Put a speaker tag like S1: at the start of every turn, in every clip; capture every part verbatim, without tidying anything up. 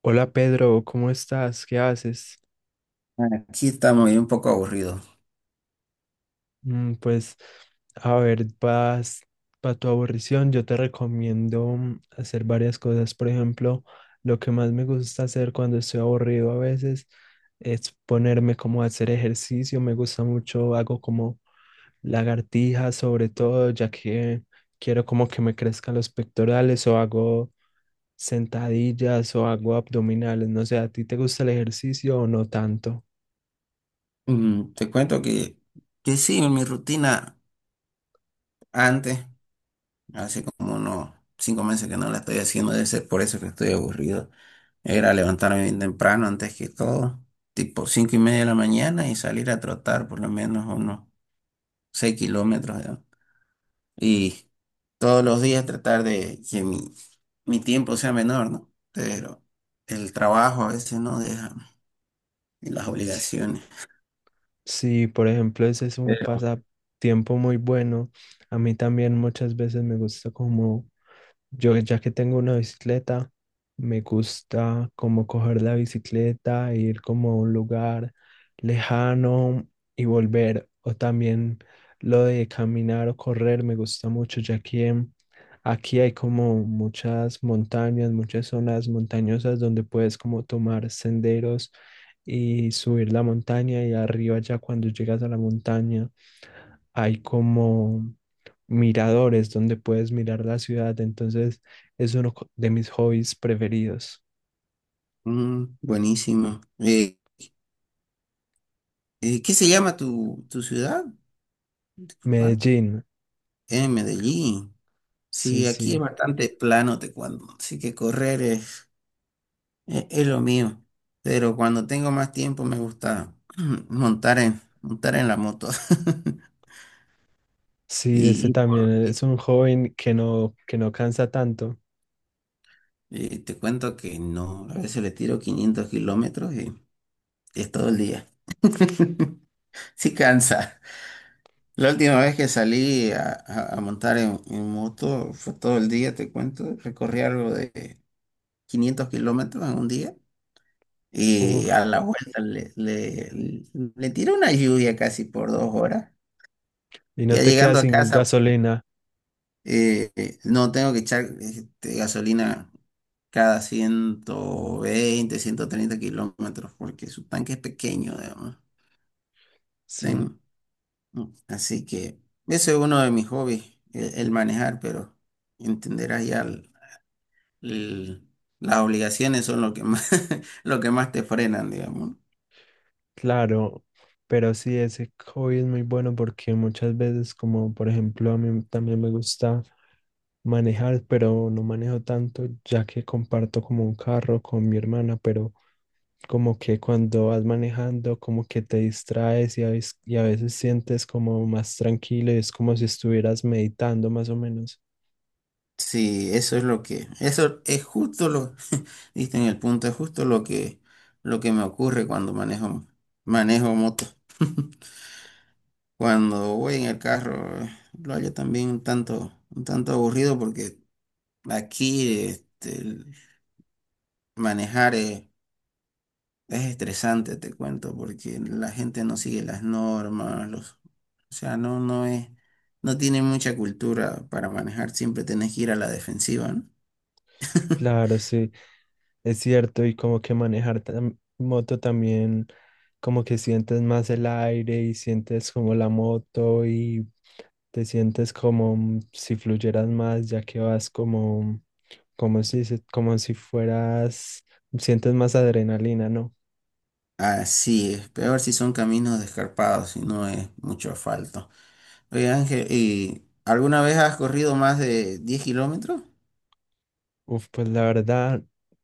S1: Hola Pedro, ¿cómo estás? ¿Qué haces?
S2: Aquí estamos y un poco aburridos.
S1: Mm, pues, a ver, para tu aburrición, yo te recomiendo mm, hacer varias cosas. Por ejemplo, lo que más me gusta hacer cuando estoy aburrido a veces es ponerme como a hacer ejercicio. Me gusta mucho, hago como lagartijas sobre todo, ya que quiero como que me crezcan los pectorales, o hago sentadillas o hago abdominales. No sé, ¿a ti te gusta el ejercicio o no tanto?
S2: Mm, te cuento que, que sí, en mi rutina antes, hace como unos cinco meses que no la estoy haciendo. Debe ser por eso que estoy aburrido. Era levantarme bien temprano antes que todo, tipo cinco y media de la mañana y salir a trotar por lo menos unos seis kilómetros, ¿no? Y todos los días tratar de que mi, mi tiempo sea menor, ¿no? Pero el trabajo a veces no deja y las
S1: Sí.
S2: obligaciones.
S1: Sí, por ejemplo, ese es un pasatiempo muy bueno. A mí también muchas veces me gusta como, yo ya que tengo una bicicleta, me gusta como coger la bicicleta, ir como a un lugar lejano y volver. O también lo de caminar o correr me gusta mucho, ya que aquí hay como muchas montañas, muchas zonas montañosas donde puedes como tomar senderos y subir la montaña, y arriba ya cuando llegas a la montaña hay como miradores donde puedes mirar la ciudad. Entonces es uno co- de mis hobbies preferidos.
S2: Mm, buenísimo. Eh, eh, ¿qué se llama tu, tu ciudad? Disculpa.
S1: Medellín,
S2: En Medellín.
S1: sí,
S2: Sí, aquí es
S1: sí.
S2: bastante plano, te cuento. Así que correr es, es, es lo mío. Pero cuando tengo más tiempo me gusta montar en, montar en la moto.
S1: Sí,
S2: Y,
S1: ese
S2: y por,
S1: también
S2: y-
S1: es un joven que no, que no cansa tanto.
S2: y te cuento que no, a veces le tiro 500 kilómetros y es todo el día. Sí cansa. La última vez que salí a, a- a montar en, en moto fue todo el día, te cuento. Recorrí algo de quinientos kilómetros en un día, y a
S1: Uf,
S2: la vuelta le, le, le tiré una lluvia casi por dos horas.
S1: y no
S2: Ya
S1: te
S2: llegando
S1: quedas
S2: a
S1: sin
S2: casa,
S1: gasolina.
S2: eh, eh, no tengo que echar este, gasolina cada ciento veinte, ciento treinta kilómetros, porque su tanque es pequeño,
S1: Sí.
S2: digamos, ¿no? Así que ese es uno de mis hobbies, el, el manejar. Pero entenderás ya el- el- las obligaciones son lo que más, lo que más te frenan, digamos, ¿no?
S1: Claro, pero sí, ese hobby es muy bueno porque muchas veces, como por ejemplo, a mí también me gusta manejar, pero no manejo tanto, ya que comparto como un carro con mi hermana, pero como que cuando vas manejando, como que te distraes, y a veces, y a veces sientes como más tranquilo y es como si estuvieras meditando más o menos.
S2: Sí, eso es lo que, eso es justo lo, diste en el punto. Es justo lo que, lo que me ocurre cuando manejo, manejo moto. Cuando voy en el carro, eh, lo hallo también un tanto, un tanto aburrido, porque aquí, este, el manejar es estresante, te cuento, porque la gente no sigue las normas, los, o sea, no, no es, no tiene mucha cultura para manejar. Siempre tenés que ir a la defensiva, ¿no?
S1: Claro, sí, es cierto, y como que manejar tam- moto también como que sientes más el aire y sientes como la moto y te sientes como mm, si fluyeras más, ya que vas como, como si, se- como si fueras, sientes más adrenalina, ¿no?
S2: Así es, peor si son caminos descarpados, si no es mucho asfalto. Oye, Ángel, ¿y alguna vez has corrido más de diez kilómetros?
S1: Uf, pues la verdad,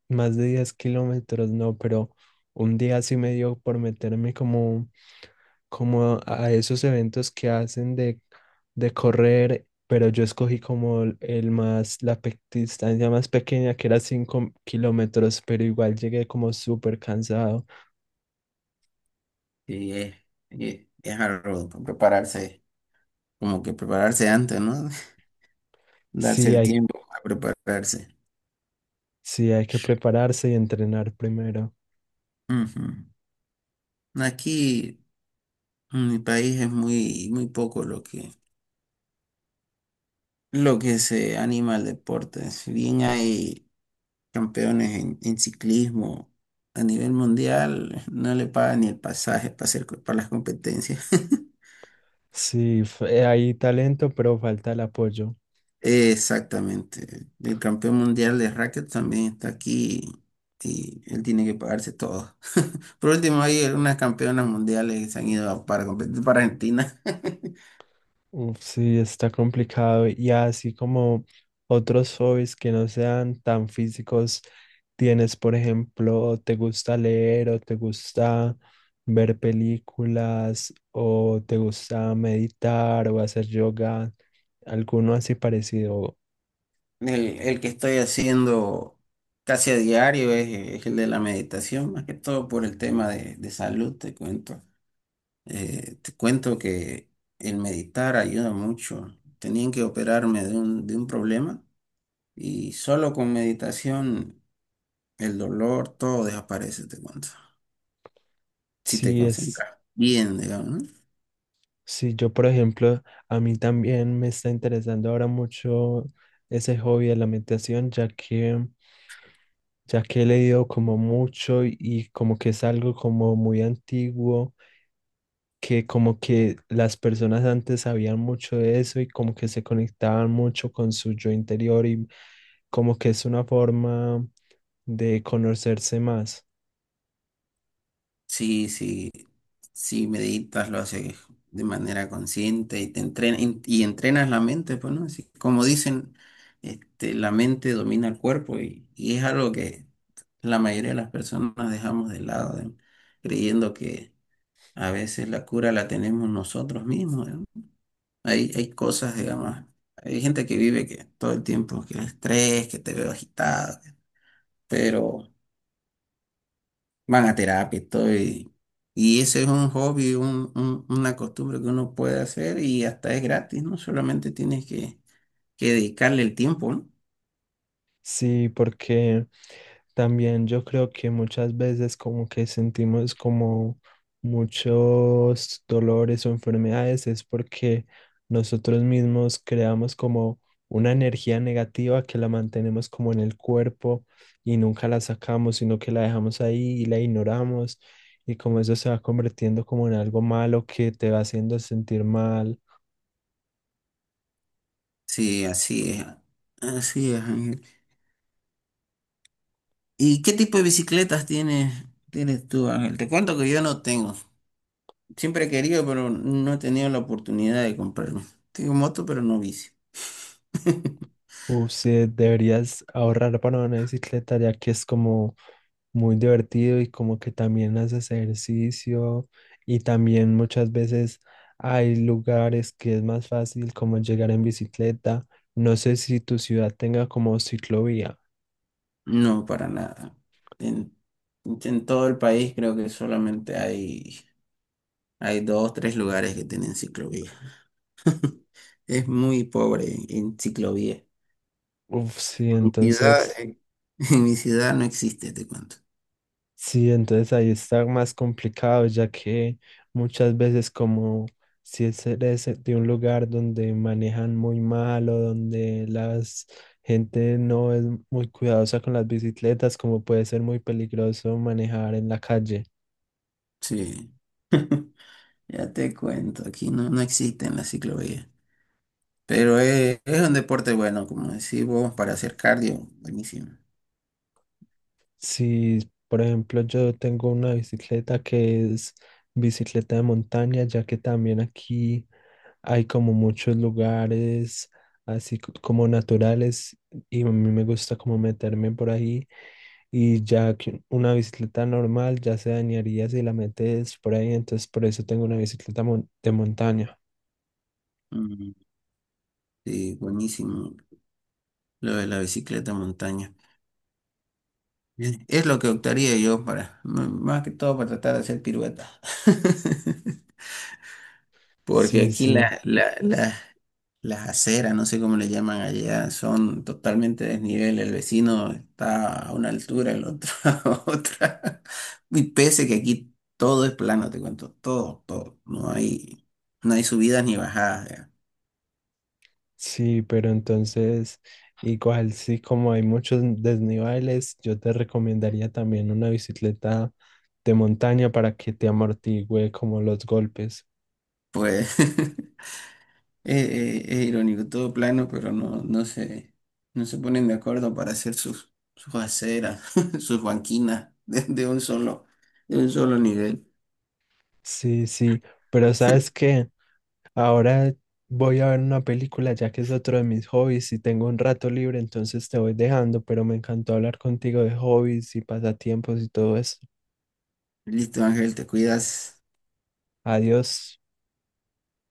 S1: más de diez kilómetros, no, pero un día sí me dio por meterme como, como a esos eventos que hacen de, de correr, pero yo escogí como el el más, la pe- distancia más pequeña, que era cinco kilómetros, pero igual llegué como súper cansado.
S2: Sí, es, es, es algo, prepararse, como que prepararse antes, ¿no? Darse
S1: Sí,
S2: el
S1: hay
S2: tiempo a prepararse.
S1: Sí, hay que prepararse y entrenar primero.
S2: Ujú. Aquí. En mi país es muy, muy poco lo que, lo que se anima al deporte. Si bien hay campeones en, en ciclismo a nivel mundial, no le pagan ni el pasaje para hacer, co- para las competencias.
S1: Sí, f- eh, hay talento, pero falta el apoyo.
S2: Exactamente. El campeón mundial de racket también está aquí y él tiene que pagarse todo. Por último, hay algunas campeonas mundiales que se han ido a- para competir para Argentina.
S1: Uf, sí, está complicado. Y así como otros hobbies que no sean tan físicos, tienes, por ejemplo, ¿te gusta leer, o te gusta ver películas, o te gusta meditar o hacer yoga, alguno así parecido?
S2: El, el que estoy haciendo casi a diario es, es el de la meditación, más que todo por el tema de, de salud, te cuento. Eh, te cuento que el meditar ayuda mucho. Tenían que operarme de un, de un problema y solo con meditación el dolor, todo desaparece, te cuento. Si te
S1: Sí, es.
S2: concentras bien, digamos, ¿no?
S1: Sí, yo por ejemplo, a mí también me está interesando ahora mucho ese hobby de la meditación, ya que, ya que he leído como mucho, y, y como que es algo como muy antiguo, que como que las personas antes sabían mucho de eso y como que se conectaban mucho con su yo interior, y como que es una forma de conocerse más.
S2: Sí, sí, sí, meditas, lo haces de manera consciente y te entrena, en- y entrenas la mente, pues, ¿no? Así como dicen, este, la mente domina el cuerpo, y, y es algo que la mayoría de las personas dejamos de lado, ¿eh? Creyendo que a veces la cura la tenemos nosotros mismos, ¿eh? Hay, hay cosas, digamos, hay gente que vive que todo el tiempo, que el estrés, que te veo agitado, pero... van a terapia y todo. Y, y ese es un hobby, un- un- una costumbre que uno puede hacer, y hasta es gratis, ¿no? Solamente tienes que, que dedicarle el tiempo, ¿no?
S1: Sí, porque también yo creo que muchas veces como que sentimos como muchos dolores o enfermedades es porque nosotros mismos creamos como una energía negativa que la mantenemos como en el cuerpo y nunca la sacamos, sino que la dejamos ahí y la ignoramos, y como eso se va convirtiendo como en algo malo que te va haciendo sentir mal.
S2: Sí, así es. Así es, Ángel. ¿Y qué tipo de bicicletas tienes, tienes tú, Ángel? Te cuento que yo no tengo. Siempre he querido, pero no he tenido la oportunidad de comprarme. Tengo moto, pero no bici.
S1: Uf, sí, deberías ahorrar para una bicicleta ya que es como muy divertido y como que también haces ejercicio, y también muchas veces hay lugares que es más fácil como llegar en bicicleta. No sé si tu ciudad tenga como ciclovía.
S2: No, para nada. En, en todo el país creo que solamente hay Hay dos, tres lugares que tienen ciclovía. Es muy pobre en ciclovía. En
S1: Uf, sí,
S2: mi ciudad,
S1: entonces
S2: eh, en mi ciudad no existe, te cuento.
S1: sí, entonces ahí está más complicado, ya que muchas veces como si es eres de un lugar donde manejan muy mal o donde la gente no es muy cuidadosa con las bicicletas, como puede ser muy peligroso manejar en la calle.
S2: Sí. Ya te cuento, aquí no, no existen las ciclovías. Pero es, es un deporte bueno, como decís vos, para hacer cardio, buenísimo.
S1: Si, por ejemplo, yo tengo una bicicleta que es bicicleta de montaña, ya que también aquí hay como muchos lugares así c- como naturales, y a mí me gusta como meterme por ahí, y ya que una bicicleta normal ya se dañaría si la metes por ahí, entonces por eso tengo una bicicleta mon- de montaña.
S2: Mm, sí, buenísimo lo de la bicicleta de montaña. Bien. Es lo que optaría yo para, m- más que todo para tratar de hacer piruetas. Porque
S1: Sí,
S2: aquí la,
S1: sí,
S2: la- la- Las aceras, no sé cómo le llaman allá, son totalmente desnivel. El vecino está a una altura, el otro a otra. Y pese que aquí todo es plano, te cuento, todo, todo. No hay, no hay subidas ni bajadas. Ya.
S1: sí, pero entonces igual sí, como hay muchos desniveles, yo te recomendaría también una bicicleta de montaña para que te amortigüe como los golpes.
S2: Pues es, es- es irónico, todo plano, pero no, no se, no se ponen de acuerdo para hacer sus, sus aceras, sus banquinas de, de un solo, de un solo nivel.
S1: Sí, sí, pero ¿sabes qué? Ahora voy a ver una película ya que es otro de mis hobbies y tengo un rato libre, entonces te voy dejando, pero me encantó hablar contigo de hobbies y pasatiempos y todo eso.
S2: Listo, Ángel, te cuidas.
S1: Adiós.